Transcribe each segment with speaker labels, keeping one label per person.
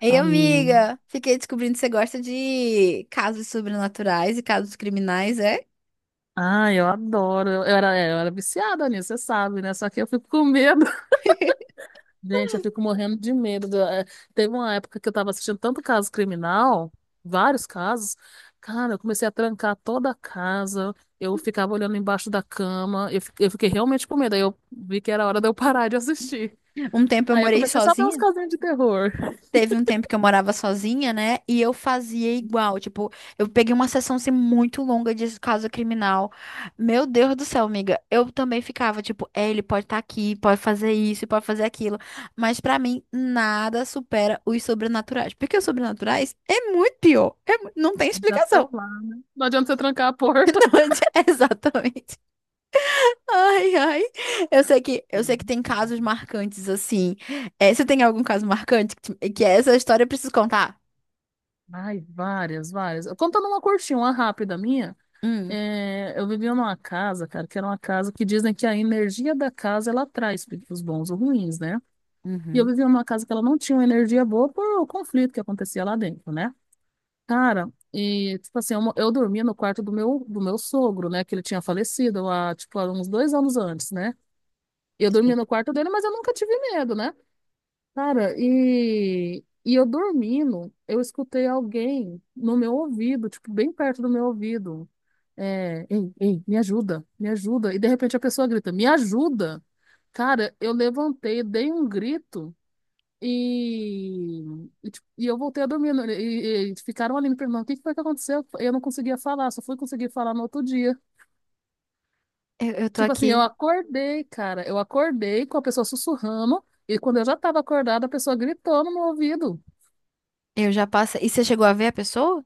Speaker 1: Ei,
Speaker 2: Amém.
Speaker 1: amiga, fiquei descobrindo que você gosta de casos sobrenaturais e casos criminais, é?
Speaker 2: Ah, eu adoro. Eu era viciada nisso, você sabe, né? Só que eu fico com medo. Gente, eu fico morrendo de medo. Teve uma época que eu tava assistindo tanto caso criminal, vários casos. Cara, eu comecei a trancar toda a casa. Eu ficava olhando embaixo da cama. Eu fiquei realmente com medo. Aí eu vi que era hora de eu parar de assistir.
Speaker 1: Um tempo eu
Speaker 2: Aí eu
Speaker 1: morei
Speaker 2: comecei só a ver uns
Speaker 1: sozinha.
Speaker 2: casinhos de terror.
Speaker 1: Teve um tempo que eu morava sozinha, né? E eu fazia igual. Tipo, eu peguei uma sessão assim, muito longa de caso criminal. Meu Deus do céu, amiga. Eu também ficava, tipo, é, ele pode estar aqui, pode fazer isso, pode fazer aquilo. Mas pra mim, nada supera os sobrenaturais. Porque os sobrenaturais é muito pior. Não tem
Speaker 2: Já
Speaker 1: explicação.
Speaker 2: estão lá, né? Não adianta você trancar a porta.
Speaker 1: Não, é exatamente. Ai, ai. Eu sei que, eu sei
Speaker 2: Sim.
Speaker 1: que tem casos marcantes assim. É, você tem algum caso marcante que essa história eu preciso contar?
Speaker 2: Ai, várias, várias. Contando uma curtinha, uma rápida minha,
Speaker 1: Hum.
Speaker 2: eu vivia numa casa, cara, que era uma casa que dizem que a energia da casa ela traz os bons ou ruins, né? E eu
Speaker 1: Uhum.
Speaker 2: vivia numa casa que ela não tinha uma energia boa por o conflito que acontecia lá dentro, né? Cara, e tipo assim, eu dormia no quarto do meu sogro, né? Que ele tinha falecido há, tipo, há uns dois anos antes, né? Eu dormia
Speaker 1: Sim.
Speaker 2: no quarto dele, mas eu nunca tive medo, né? Cara, e eu dormindo, eu escutei alguém no meu ouvido, tipo, bem perto do meu ouvido. É, ei, ei, me ajuda, me ajuda. E de repente a pessoa grita, me ajuda. Cara, eu levantei, dei um grito. E, e eu voltei a dormir. E ficaram ali me perguntando o que que foi que aconteceu. Eu não conseguia falar, só fui conseguir falar no outro dia.
Speaker 1: Eu tô
Speaker 2: Tipo assim, eu
Speaker 1: aqui.
Speaker 2: acordei, cara. Eu acordei com a pessoa sussurrando. E quando eu já tava acordada, a pessoa gritou no meu ouvido.
Speaker 1: Eu já passei. E você chegou a ver a pessoa?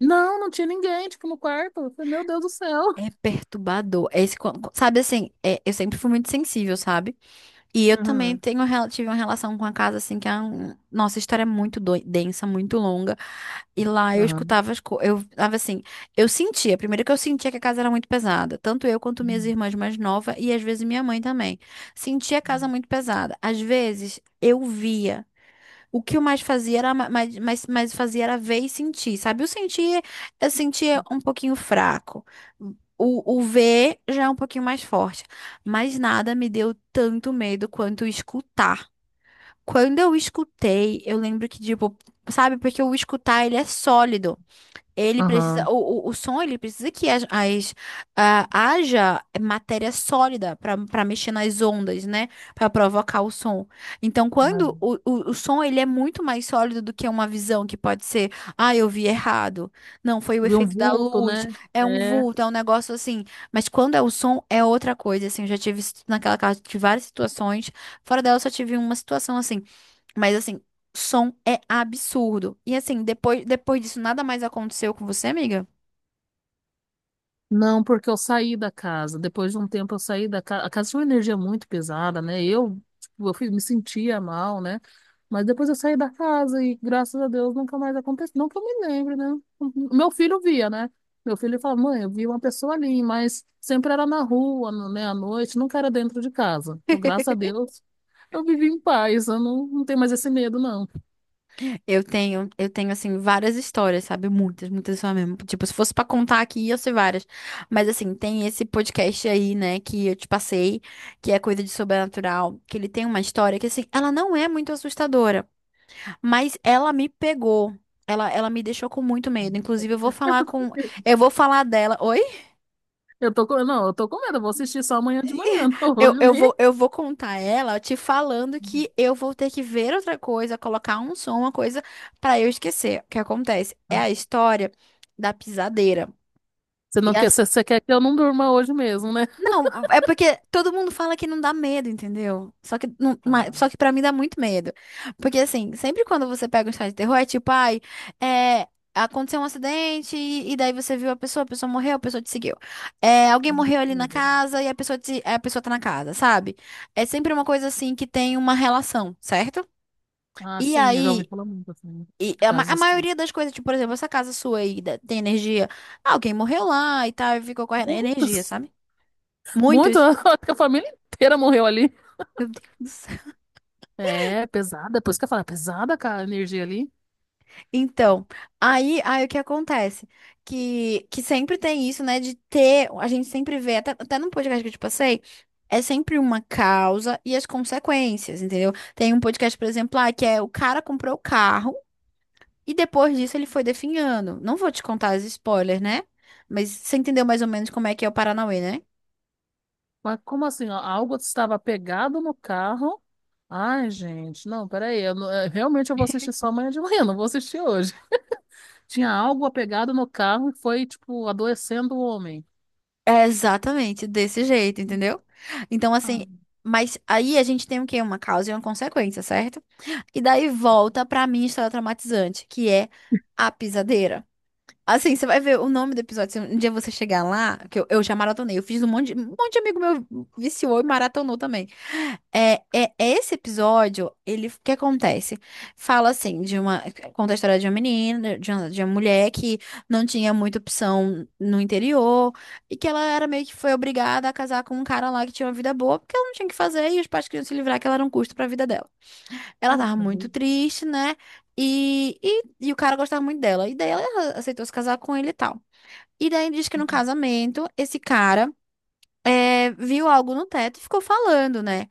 Speaker 2: Não, não tinha ninguém, tipo, no quarto. Eu falei, meu Deus do céu.
Speaker 1: É perturbador. É esse, sabe assim, eu sempre fui muito sensível, sabe? E eu também
Speaker 2: Aham,
Speaker 1: tenho, tive uma relação com a casa, assim, que a nossa história é muito densa, muito longa. E lá eu
Speaker 2: aham,
Speaker 1: escutava as coisas. Eu tava assim, eu sentia, primeiro que eu sentia que a casa era muito pesada. Tanto eu quanto minhas irmãs mais novas e às vezes minha mãe também. Sentia a casa muito pesada. Às vezes eu via. O que eu mais fazia era mais fazia era ver e sentir, sabe? O sentir, eu sentia um pouquinho fraco. O ver já é um pouquinho mais forte. Mas nada me deu tanto medo quanto escutar. Quando eu escutei, eu lembro que, tipo, sabe, porque o escutar ele é sólido. Ele precisa,
Speaker 2: aham.
Speaker 1: o som, ele precisa que haja matéria sólida para mexer nas ondas, né? Para provocar o som. Então,
Speaker 2: Ah,
Speaker 1: quando o som ele é muito mais sólido do que uma visão que pode ser, eu vi errado. Não, foi o
Speaker 2: vi um
Speaker 1: efeito da
Speaker 2: vulto,
Speaker 1: luz,
Speaker 2: né?
Speaker 1: é um
Speaker 2: É.
Speaker 1: vulto, é um negócio assim. Mas quando é o som, é outra coisa, assim. Eu já tive isso naquela casa, tive várias situações. Fora dela, eu só tive uma situação assim. Mas assim, som é absurdo. E assim, depois, depois disso, nada mais aconteceu com você, amiga?
Speaker 2: Não, porque eu saí da casa. Depois de um tempo eu saí da casa. A casa tinha uma energia muito pesada, né? Eu, tipo, me sentia mal, né? Mas depois eu saí da casa e, graças a Deus, nunca mais aconteceu. Não que eu me lembre, né? O meu filho via, né? Meu filho falava, mãe, eu vi uma pessoa ali, mas sempre era na rua, né, à noite, nunca era dentro de casa. Então, graças a Deus, eu vivi em paz. Eu não tenho mais esse medo, não.
Speaker 1: Eu tenho assim várias histórias, sabe? Muitas, muitas só mesmo. Tipo, se fosse pra contar aqui, ia ser várias. Mas assim, tem esse podcast aí, né, que eu te passei, que é coisa de sobrenatural, que ele tem uma história que assim, ela não é muito assustadora, mas ela me pegou. Ela me deixou com muito medo.
Speaker 2: Eu
Speaker 1: Inclusive, eu
Speaker 2: tô com
Speaker 1: vou
Speaker 2: eu
Speaker 1: falar
Speaker 2: tô com
Speaker 1: com.
Speaker 2: medo.
Speaker 1: Eu vou falar dela. Oi?
Speaker 2: Eu tô com, não, eu tô com medo. Eu vou assistir só amanhã de manhã, não
Speaker 1: Eu,
Speaker 2: hoje
Speaker 1: eu vou,
Speaker 2: nem.
Speaker 1: eu vou contar ela te falando que eu vou ter que ver outra coisa, colocar um som, uma coisa, pra eu esquecer. O que acontece? É a história da pisadeira.
Speaker 2: Você
Speaker 1: E
Speaker 2: não quer, você quer que eu não durma hoje mesmo, né?
Speaker 1: não, é porque todo mundo fala que não dá medo, entendeu? Só que, não,
Speaker 2: Ah,
Speaker 1: só que pra mim dá muito medo. Porque, assim, sempre quando você pega um site de terror, é tipo, ai, é, aconteceu um acidente e daí você viu a pessoa morreu, a pessoa te seguiu. É, alguém
Speaker 2: uhum,
Speaker 1: morreu ali na
Speaker 2: é verdade.
Speaker 1: casa e a pessoa, a pessoa tá na casa, sabe? É sempre uma coisa, assim, que tem uma relação, certo?
Speaker 2: Ah,
Speaker 1: E
Speaker 2: sim, eu já ouvi
Speaker 1: aí...
Speaker 2: falar muito assim,
Speaker 1: E
Speaker 2: de casos
Speaker 1: a
Speaker 2: assim.
Speaker 1: maioria das coisas, tipo, por exemplo, essa casa sua tem energia. Ah, alguém morreu lá e tal, e ficou com a energia,
Speaker 2: Muitos,
Speaker 1: sabe?
Speaker 2: muitos,
Speaker 1: Muitos.
Speaker 2: eu acho que a família inteira morreu ali.
Speaker 1: Meu Deus.
Speaker 2: É, pesada, por isso que eu falo, é pesada, cara, a energia ali.
Speaker 1: Então, aí o que acontece? Que sempre tem isso, né? De ter, a gente sempre vê, até no podcast que eu te passei, é sempre uma causa e as consequências, entendeu? Tem um podcast, por exemplo, lá, que é o cara comprou o carro e depois disso ele foi definhando. Não vou te contar as spoilers, né? Mas você entendeu mais ou menos como é que é o Paranauê, né?
Speaker 2: Mas como assim? Ó, algo estava pegado no carro? Ai, gente, não, peraí. Eu, não- eh, Realmente eu vou assistir só amanhã de manhã, não vou assistir hoje. Tinha algo apegado no carro e foi, tipo, adoecendo o homem.
Speaker 1: É exatamente desse jeito, entendeu? Então, assim,
Speaker 2: Ah,
Speaker 1: mas aí a gente tem o quê? Uma causa e uma consequência, certo? E daí volta pra minha história traumatizante, que é a pisadeira. Assim, você vai ver o nome do episódio. Se um dia você chegar lá, que eu já maratonei, eu fiz um monte, um monte de amigo meu viciou e maratonou também. É esse episódio, ele, o que acontece? Fala assim, de uma, conta a história de uma menina, de uma mulher que não tinha muita opção no interior e que ela era meio que foi obrigada a casar com um cara lá que tinha uma vida boa porque ela não tinha o que fazer e os pais queriam se livrar que ela era um custo pra vida dela. Ela tava
Speaker 2: puxa
Speaker 1: muito
Speaker 2: vida.
Speaker 1: triste, né? E o cara gostava muito dela. E daí ela aceitou se casar com ele e tal. E daí diz que no casamento, esse cara viu algo no teto e ficou falando, né?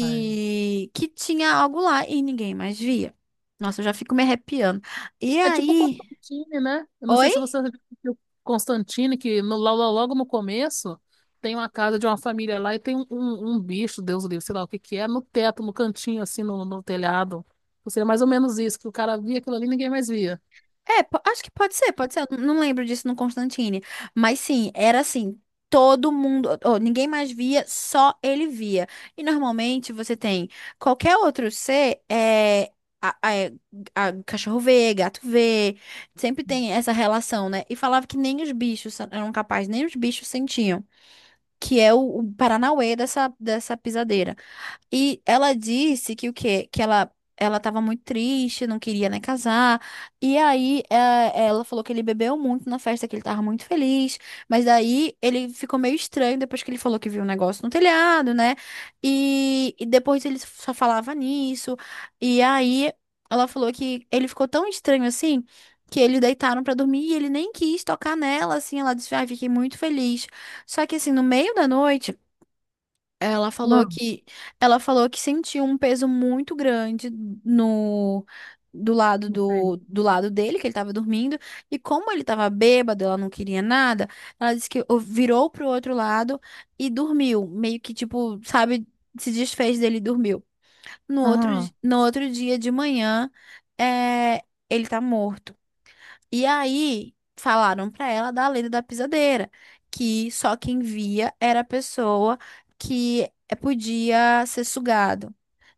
Speaker 2: Ai.
Speaker 1: Que tinha algo lá e ninguém mais via. Nossa, eu já fico me arrepiando. E
Speaker 2: É tipo
Speaker 1: aí.
Speaker 2: Constantine, né? Eu não sei
Speaker 1: Oi?
Speaker 2: se você viu Constantine, que logo no começo tem uma casa de uma família lá e tem um bicho, Deus o livre, sei lá o que que é, no teto, no cantinho, assim, no telhado. Ou seja, mais ou menos isso, que o cara via aquilo ali e ninguém mais via.
Speaker 1: É, acho que pode ser, pode ser. Eu não lembro disso no Constantine. Mas sim, era assim, todo mundo, ou ninguém mais via, só ele via. E normalmente você tem qualquer outro ser, a, a- é, cachorro vê, gato vê, sempre tem essa relação, né? E falava que nem os bichos eram capazes, nem os bichos sentiam, que é o Paranauê dessa, dessa pisadeira. E ela disse que o quê? Que ela ela estava muito triste, não queria nem casar. E aí é, ela falou que ele bebeu muito na festa, que ele estava muito feliz. Mas daí ele ficou meio estranho depois que ele falou que viu um negócio no telhado, né? E depois ele só falava nisso. E aí ela falou que ele ficou tão estranho assim. Que eles deitaram pra dormir e ele nem quis tocar nela, assim. Ela disse: Ai, fiquei muito feliz. Só que, assim, no meio da noite. Ela falou que ela falou que sentiu um peso muito grande no
Speaker 2: Não sei.
Speaker 1: do lado dele, que ele tava dormindo, e como ele tava bêbado, ela não queria nada, ela disse que virou pro outro lado e dormiu, meio que tipo, sabe, se desfez dele e dormiu.
Speaker 2: Ah,
Speaker 1: No outro dia de manhã, é, ele tá morto. E aí falaram pra ela da lenda da pisadeira, que só quem via era a pessoa que podia ser sugado.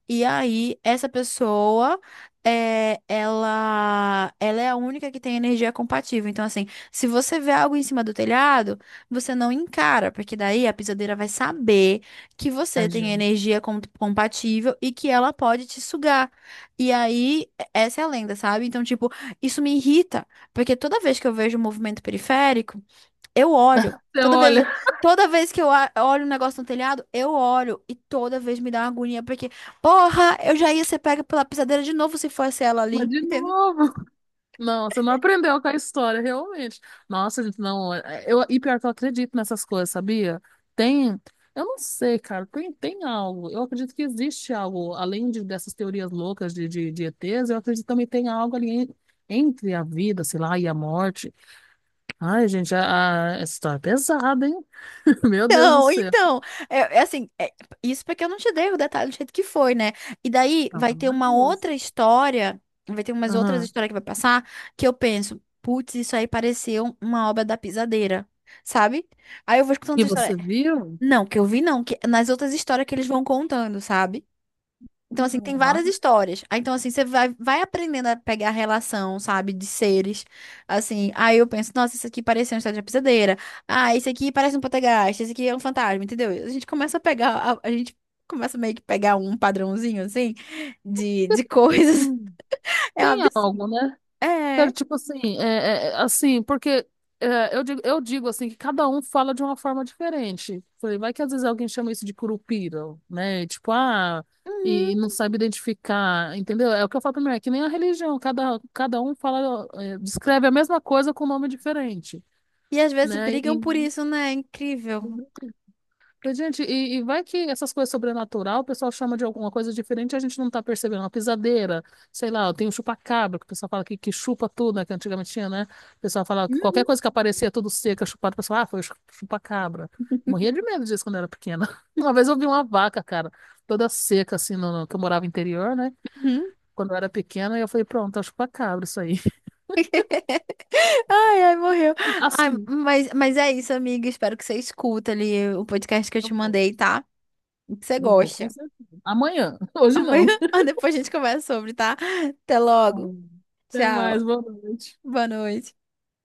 Speaker 1: E aí, essa pessoa, ela é a única que tem energia compatível. Então, assim, se você vê algo em cima do telhado, você não encara, porque daí a pisadeira vai saber que você
Speaker 2: ai,
Speaker 1: tem
Speaker 2: gente.
Speaker 1: energia compatível e que ela pode te sugar. E aí, essa é a lenda, sabe? Então, tipo, isso me irrita, porque toda vez que eu vejo o movimento periférico, eu olho.
Speaker 2: Então,
Speaker 1: Toda
Speaker 2: olha,
Speaker 1: vez, toda vez que eu olho um negócio no telhado, eu olho. E toda vez me dá uma agonia, porque, porra, eu já ia ser pega pela pisadeira de novo se fosse ela
Speaker 2: mas
Speaker 1: ali,
Speaker 2: de
Speaker 1: entendeu?
Speaker 2: novo. Não, você não aprendeu com a história, realmente. Nossa, gente, não. E pior que eu acredito nessas coisas, sabia? Tem. Eu não sei, cara. Tem, tem algo. Eu acredito que existe algo, dessas teorias loucas de ETs, eu acredito que também tem algo ali entre a vida, sei lá, e a morte. Ai, gente, essa história é pesada, hein? Meu Deus do
Speaker 1: Então,
Speaker 2: céu.
Speaker 1: então, é assim, isso porque eu não te dei o detalhe do jeito que foi, né? E daí
Speaker 2: Não,
Speaker 1: vai
Speaker 2: pelo
Speaker 1: ter
Speaker 2: amor
Speaker 1: uma
Speaker 2: de Deus.
Speaker 1: outra história, vai ter umas outras
Speaker 2: Aham.
Speaker 1: histórias que vai passar, que eu penso, putz, isso aí pareceu uma obra da pisadeira, sabe? Aí eu vou escutando
Speaker 2: E
Speaker 1: outra história.
Speaker 2: você viu?
Speaker 1: Não, que eu vi não, que nas outras histórias que eles vão contando, sabe? Então, assim,
Speaker 2: Ah,
Speaker 1: tem
Speaker 2: lá.
Speaker 1: várias histórias. Aí, então, assim, você vai, vai aprendendo a pegar a relação, sabe, de seres. Assim, aí eu penso, nossa, isso aqui parece uma história de pisadeira. Ah, isso aqui parece um poltergeist, isso aqui é um fantasma, entendeu? A gente começa a pegar, a gente começa meio que pegar um padrãozinho, assim, de coisas. É um
Speaker 2: Tem
Speaker 1: absurdo.
Speaker 2: algo, né? Quero,
Speaker 1: É.
Speaker 2: tipo assim, assim, porque eu digo assim, que cada um fala de uma forma diferente. Falei, vai que às vezes alguém chama isso de curupira, né? E, tipo, ah, e, não
Speaker 1: Uhum.
Speaker 2: sabe identificar, entendeu? É o que eu falo primeiro, é que nem a religião, cada um fala, é, descreve a mesma coisa com nome diferente,
Speaker 1: E às vezes
Speaker 2: né?
Speaker 1: brigam por
Speaker 2: E,
Speaker 1: isso, né? É incrível.
Speaker 2: falei, gente, e vai que essas coisas sobrenatural, o pessoal chama de alguma coisa diferente, e a gente não tá percebendo. Uma pisadeira, sei lá, tem o chupacabra, que o pessoal fala que chupa tudo, né? Que antigamente tinha, né? O pessoal falava que qualquer
Speaker 1: Uhum.
Speaker 2: coisa que aparecia tudo seca, chupada, o pessoal, ah, foi o chupacabra. Morria de medo disso quando eu era pequena. Uma vez eu vi uma vaca, cara, toda seca, assim, que eu morava interior, né?
Speaker 1: Uhum.
Speaker 2: Quando eu era pequena, e eu falei, pronto, é o chupacabra isso aí.
Speaker 1: Ai, ai, morreu. Ai,
Speaker 2: Assim,
Speaker 1: mas é isso, amiga. Espero que você escuta ali o podcast que eu
Speaker 2: eu
Speaker 1: te
Speaker 2: vou,
Speaker 1: mandei, tá? E que você
Speaker 2: eu vou, com
Speaker 1: gosta.
Speaker 2: certeza. Amanhã, hoje
Speaker 1: Amanhã,
Speaker 2: não.
Speaker 1: depois a gente conversa sobre, tá? Até
Speaker 2: Tá
Speaker 1: logo.
Speaker 2: bom. Até mais,
Speaker 1: Tchau.
Speaker 2: boa noite.
Speaker 1: Boa noite.